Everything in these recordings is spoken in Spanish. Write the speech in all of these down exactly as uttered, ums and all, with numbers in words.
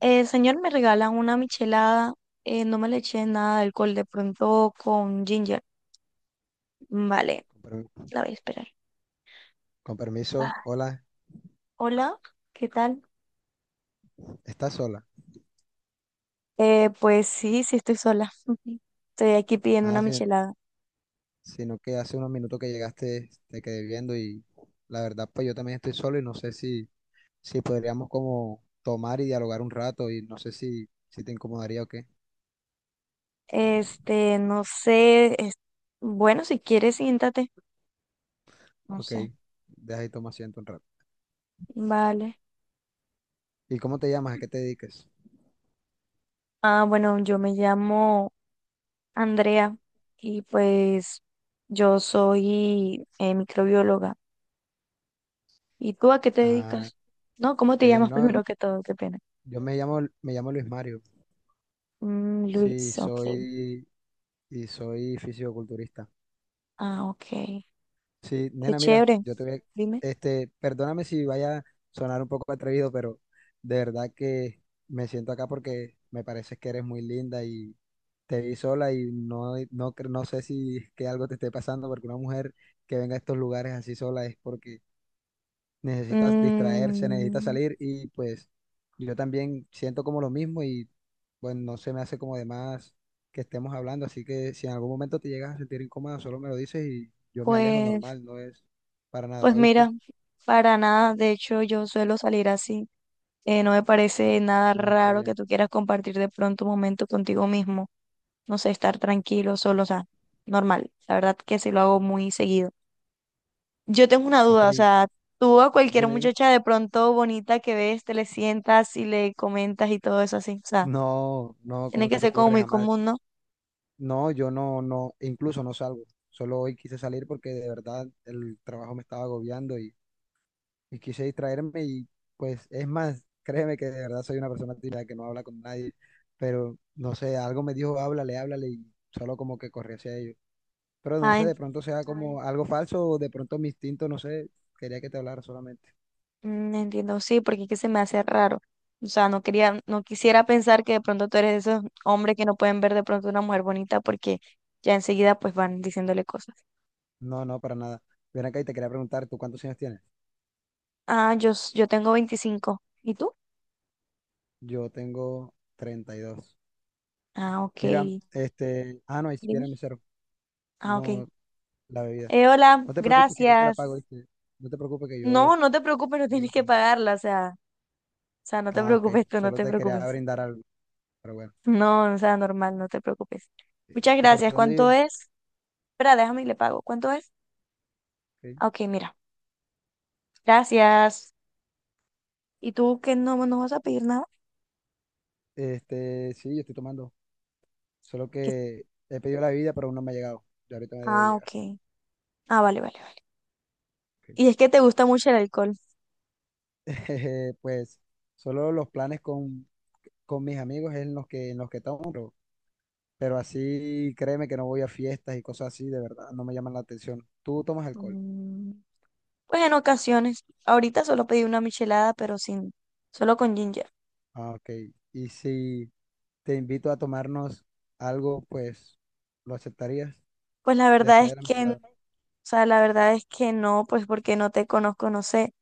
Eh, señor, me regala una michelada. Eh, no me le eché nada de alcohol, de pronto con ginger. Vale, Con permi- la voy a esperar. con Ah, permiso, hola, hola, ¿qué tal? ¿estás sola? Eh, pues sí, sí estoy sola. Estoy aquí pidiendo una Ah, michelada. si- sino que hace unos minutos que llegaste te quedé viendo y la verdad pues yo también estoy solo y no sé si, si podríamos como tomar y dialogar un rato y no sé si, si te incomodaría o qué. Este, no sé. es- Bueno, si quieres, siéntate. No Ok, sé. deja y toma asiento un rato. Vale. ¿Y cómo te llamas? ¿A qué te dedicas? Ah, bueno, yo me llamo Andrea y pues yo soy eh, microbióloga. ¿Y tú a qué te Ah, dedicas? No, ¿cómo qué te bien, llamas no, primero que todo? Qué pena. yo me llamo, me llamo Luis Mario, Mm, sí, Luis, ok. soy, y soy fisioculturista. Ah, ok. Sí, Qué nena, mira, chévere. yo te voy a- Dime. este, perdóname si vaya a sonar un poco atrevido, pero de verdad que me siento acá porque me parece que eres muy linda y te vi sola y no, no, cre- no sé si es que algo te esté pasando porque una mujer que venga a estos lugares así sola es porque necesita distraerse, necesita Mm, salir y pues yo también siento como lo mismo y bueno, no se me hace como de más que estemos hablando, así que si en algún momento te llegas a sentir incómoda, solo me lo dices y yo me alejo pues, normal, no es para pues nada, ¿oíste? mira, para nada. De hecho, yo suelo salir así. Eh, no me parece nada Ah, qué raro que bien. tú quieras compartir de pronto un momento contigo mismo. No sé, estar tranquilo, solo, o sea, normal. La verdad que sí lo hago muy seguido. Yo tengo una Ok, duda, o sea, tú a cualquier dime, dime. muchacha de pronto bonita que ves, te le sientas y le comentas y todo eso así, o sea, No, no, tiene ¿cómo que se te ser como ocurre muy jamás? común, ¿no? No, yo no, no, incluso no salgo. Solo hoy quise salir porque de verdad el trabajo me estaba agobiando y quise distraerme y pues es más, créeme que de verdad soy una persona tímida que no habla con nadie, pero no sé, algo me dijo, háblale, háblale y solo como que corrí hacia ellos. Pero no Ah, sé, en- de pronto sea Ay, como Ay, algo falso o de pronto mi instinto, no sé, quería que te hablara solamente. mm, entiendo, sí, porque es que se me hace raro. O sea, no quería, no quisiera pensar que de pronto tú eres de esos hombres que no pueden ver de pronto una mujer bonita porque ya enseguida pues van diciéndole cosas. No, no, para nada. Ven acá y te quería preguntar, ¿tú cuántos años tienes? Ah, yo, s- yo tengo veinticinco. ¿Y tú? Yo tengo treinta y dos. Ah, ok. Mira, este, ah, no, ahí sí Dime. viene mi mesero, Ah, ok. no la bebida. Eh, hola, No te preocupes que yo te la pago, gracias. ¿viste? No te preocupes que No, yo, no te preocupes, no yo la tienes que pago. pagarla, o sea. O sea, no te Ah, ok, preocupes tú, no solo te te quería preocupes. brindar algo, pero bueno. No, o sea, normal, no te preocupes. Muchas ¿Y por gracias. dónde ¿Cuánto vive? es? Espera, déjame y le pago. ¿Cuánto es? Ok. Ah, ok, mira. Gracias. ¿Y tú qué no, no vas a pedir nada? Este, sí, yo estoy tomando. Solo ¿Qué- que he pedido la bebida, pero aún no me ha llegado. Ya ahorita me debe ah, llegar. ok. Ah, vale, vale, vale. Ok. ¿Y es que te gusta mucho el alcohol? Pues solo los planes con, con mis amigos es en los que, en los que tomo, pero, pero así créeme que no voy a fiestas y cosas así, de verdad, no me llaman la atención. ¿Tú tomas alcohol? Mm, pues en ocasiones. Ahorita solo pedí una michelada, pero sin, solo con ginger. Ah, ok. Y si te invito a tomarnos algo, pues, ¿lo aceptarías Pues la verdad después es de la que, o michelada? sea, la verdad es que no, pues porque no te conozco, no sé.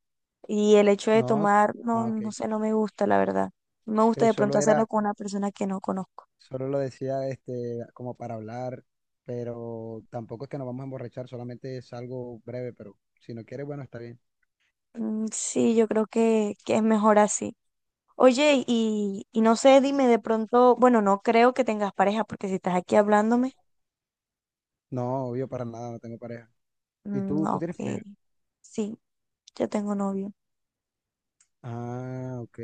Y el hecho de No. tomar, no, Ah, ok. no sé, no me gusta, la verdad. No me gusta Ok, de solo pronto era, hacerlo con una persona que no conozco. solo lo decía este, como para hablar, pero tampoco es que nos vamos a emborrachar, solamente es algo breve, pero si no quieres, bueno, está bien. Mm, sí, yo creo que, que es mejor así. Oye, y, y no sé, dime de pronto, bueno, no creo que tengas pareja, porque si estás aquí hablándome, No, obvio, para nada, no tengo pareja. ¿Y mm, tú, tú ok, tienes pareja? sí, yo tengo novio. O Ah, ok.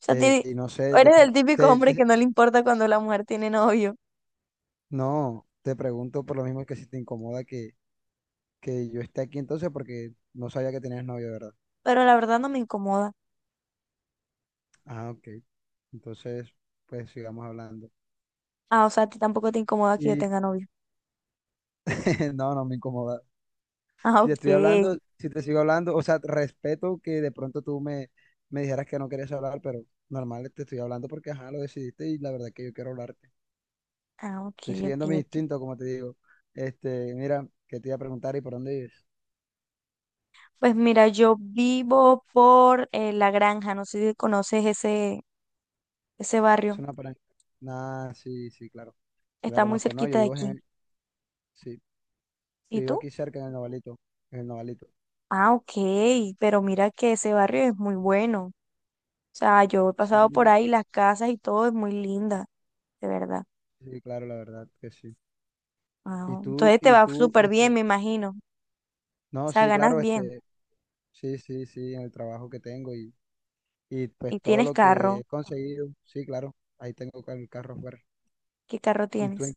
sea, Eh, ti- y no sé, de eres pro- el típico te- hombre que te- no le importa cuando la mujer tiene novio, no, te pregunto por lo mismo que si te incomoda que, que yo esté aquí entonces, porque no sabía que tenías novio, ¿verdad? pero la verdad no me incomoda. Ah, ok. Entonces, pues sigamos hablando. Ah, o sea, a ti tampoco te incomoda que yo Y tenga novio. no, no me incomoda. Ah, Si te estoy ok, hablando, si te sigo hablando, o sea, respeto que de pronto tú me, me dijeras que no querías hablar, pero normal, te estoy hablando porque, ajá, lo decidiste y la verdad es que yo quiero hablarte. ah, ok, Estoy ok, siguiendo mi ok. instinto, como te digo. Este, mira, que te iba a preguntar y por dónde vives. Pues mira, yo vivo por eh, La Granja, no sé si conoces ese, ese Es barrio, una paran- Nah, sí, sí, claro. Yo la está muy conozco, no, yo cerquita de vivo aquí. en, sí, yo ¿Y vivo tú? aquí cerca en el Novalito, en el Novalito. Ah, ok, pero mira que ese barrio es muy bueno. O sea, yo he pasado por Sí, ahí, las casas y todo es muy linda, de verdad. sí, claro, la verdad que sí. Y Ah, tú, entonces te y va tú, súper bien, este, me imagino. O no, sea, sí, ganas claro, bien. este, sí, sí, sí, en el trabajo que tengo y y pues ¿Y todo tienes lo que carro? he conseguido, sí, claro, ahí tengo ca- el carro afuera. ¿Qué carro ¿Y tú en, tienes?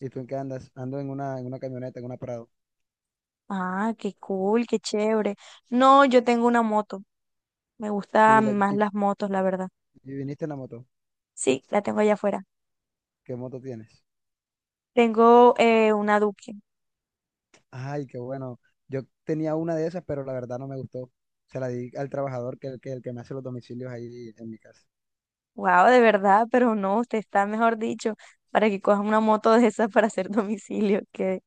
¿y tú en qué andas? Ando en una, en una camioneta, en una Prado. Ah, qué cool, qué chévere. No, yo tengo una moto. Me Y, la- gustan más y, las motos, la verdad. y viniste en la moto. Sí, la tengo allá afuera. ¿Qué moto tienes? Tengo eh, una Duque. Ay, qué bueno. Yo tenía una de esas, pero la verdad no me gustó. Se la di al trabajador que, que el que me hace los domicilios ahí en mi casa. Wow, de verdad, pero no, usted está, mejor dicho, para que coja una moto de esas para hacer domicilio. Qué,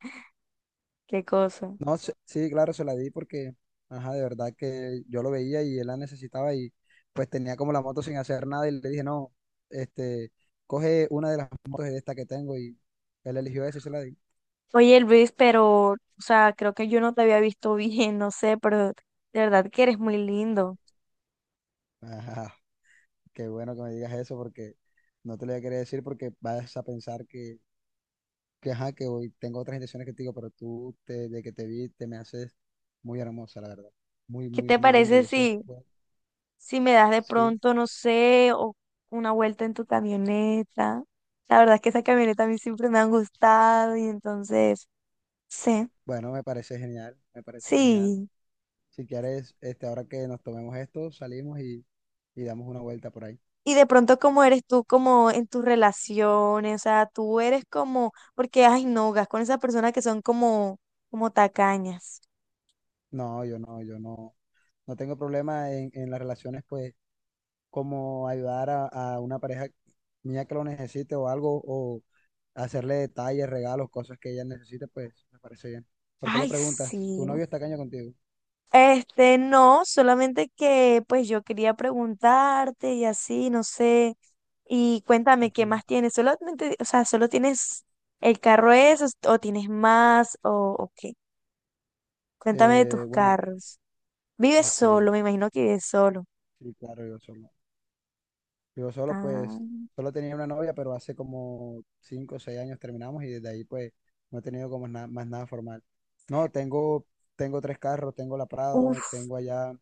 qué cosa. No, se- sí, claro, se la di porque, ajá, de verdad que yo lo veía y él la necesitaba y pues tenía como la moto sin hacer nada y le dije, no, este, coge una de las motos de esta que tengo y él eligió esa y se la di. Oye, Luis, pero, o sea, creo que yo no te había visto bien, no sé, pero de verdad que eres muy lindo. Ajá, qué bueno que me digas eso porque no te lo voy a querer decir porque vas a pensar que, que ajá, que hoy tengo otras intenciones que te digo, pero tú, te- de que te vi, te me haces muy hermosa, la verdad. Muy, ¿Qué muy, te muy linda parece y eso es, si, pues, si me das de sí, pronto, no sé, o una vuelta en tu camioneta? La verdad es que esa camioneta a mí siempre me han gustado y entonces, sí, bueno, me parece genial, me parece genial. sí. Si quieres, este, ahora que nos tomemos esto, salimos y, y damos una vuelta por ahí. Y de pronto, ¿cómo eres tú como en tus relaciones? O sea, tú eres como, porque, ay, no, gas con esas personas que son como, como tacañas. No, yo no, yo no, no tengo problema en, en las relaciones, pues, como ayudar a, a una pareja mía que lo necesite o algo, o hacerle detalles, regalos, cosas que ella necesite, pues, me parece bien. ¿Por qué lo Ay, preguntas? ¿Tu sí. novio está caño contigo? Este, no, solamente que, pues, yo quería preguntarte y así, no sé. Y cuéntame, ¿qué Ok. más tienes? Solamente, o sea, ¿solo tienes el carro ese o tienes más o, o qué? Cuéntame de tus Eh, bueno, carros. Vives ok, solo, me imagino que vives solo. sí, claro, yo solo. Yo solo, Ah, pues, solo tenía una novia, pero hace como cinco o seis años terminamos y desde ahí, pues, no he tenido como na- más nada formal. No, tengo, tengo tres carros, tengo la Prado, uf. tengo allá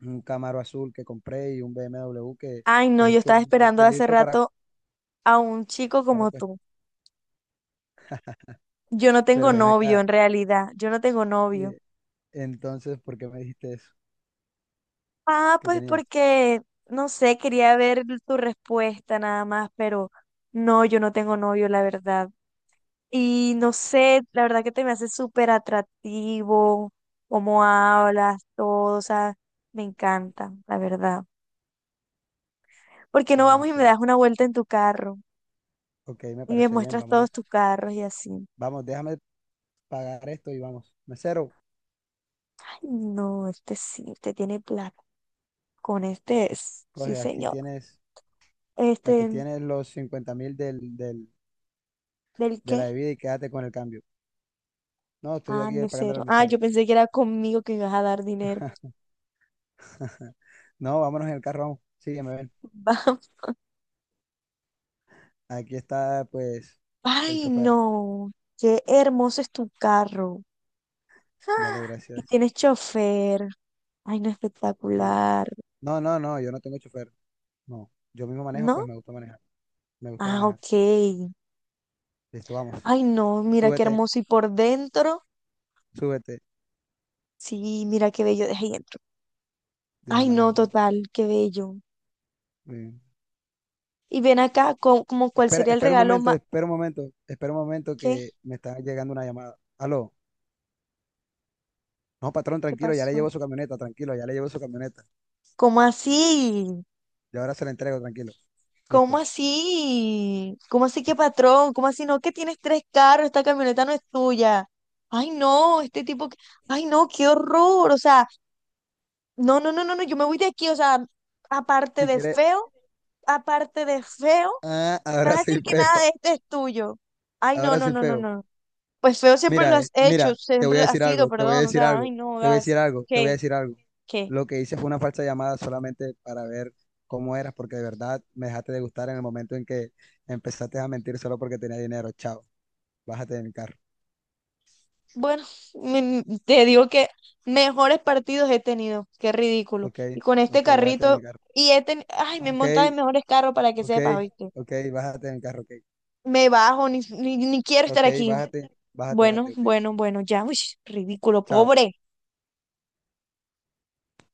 un Camaro azul que compré y un B M W que Ay, no, es yo el que estaba uno esperando hace utilizo para, rato a un chico para como cuest- tú. Yo no pero tengo ven novio acá. en realidad, yo no tengo novio. Y, entonces, ¿por qué me dijiste eso? Ah, ¿Qué pues tenías? porque, no sé, quería ver tu respuesta nada más, pero no, yo no tengo novio, la verdad. Y no sé, la verdad que te me hace súper atractivo, cómo hablas, todo, o sea, me encanta, la verdad. ¿Por qué no Ah, vamos y ok. me das una vuelta en tu carro? Ok, me Y me parece bien, muestras todos vámonos. tus carros y así. Vamos, déjame pagar esto y vamos. Mesero, Ay, no, este sí, este tiene plata. Con este es. Sí, coge, aquí señor. tienes, aquí Este, tienes los cincuenta mil del, del ¿del de qué? la bebida y quédate con el cambio. No, estoy Ah, aquí pagando mesero. al Ah, mesero. yo pensé que era conmigo que ibas a dar dinero. No, vámonos en el carro, vamos. Sí, me ven. Vamos. Aquí está, pues, el Ay, chofer. no. Qué hermoso es tu carro. Dale, Ah, y gracias. tienes chofer. Ay, no, Sí. espectacular. No, no, no, yo no tengo chofer. No, yo mismo manejo, pues ¿No? me gusta manejar. Me gusta Ah, manejar. ok. Listo, vamos. Ay, no, mira qué Súbete, hermoso. Y por dentro. súbete. Sí, mira qué bello de dentro. Deja Ay, no, manejo. total, qué bello. Mm. Y ven acá, co- como cuál Espera sería el espera un regalo momento, más... espera un momento, espera un momento ¿Qué? que me está llegando una llamada. Aló. No, patrón, ¿Qué tranquilo, ya le pasó? llevo su camioneta, tranquilo, ya le llevo su camioneta. ¿Cómo así? Y ahora se la entrego, tranquilo. ¿Cómo Listo. así? ¿Cómo así que patrón? ¿Cómo así no? Que tienes tres carros, esta camioneta no es tuya. Ay, no, este tipo, que- ay, no, qué horror. O sea, no, no, no, no, no, yo me voy de aquí. O sea, aparte Si de quiere, feo, aparte de feo, ah, me ahora vas a soy decir que nada de feo. este es tuyo. Ay, no, Ahora no, sí no, no, feo. no. Pues feo siempre lo Mira, eh, has hecho, mira, te voy siempre a lo has decir sido, algo, te voy a perdón. O decir sea, algo, ay, no, te voy a decir gas. algo, te voy a ¿Qué? decir algo. ¿Qué? Lo que hice fue una falsa llamada solamente para ver cómo eras, porque de verdad me dejaste de gustar en el momento en que empezaste a mentir solo porque tenía dinero. Chao, bájate de mi carro. Bueno, me- te digo que mejores partidos he tenido, qué ridículo. Ok, Y con este ok, bájate de mi carrito, carro. y he tenido, ay, me he Ok, montado en mejores carros para que ok, sepas, ¿oíste? ok, bájate de mi carro. Ok, Me bajo, ni, ni, ni quiero estar ok, aquí. bájate, bájate, bájate, Bueno, ok. bueno, bueno, ya, uy, ridículo, Chao. pobre.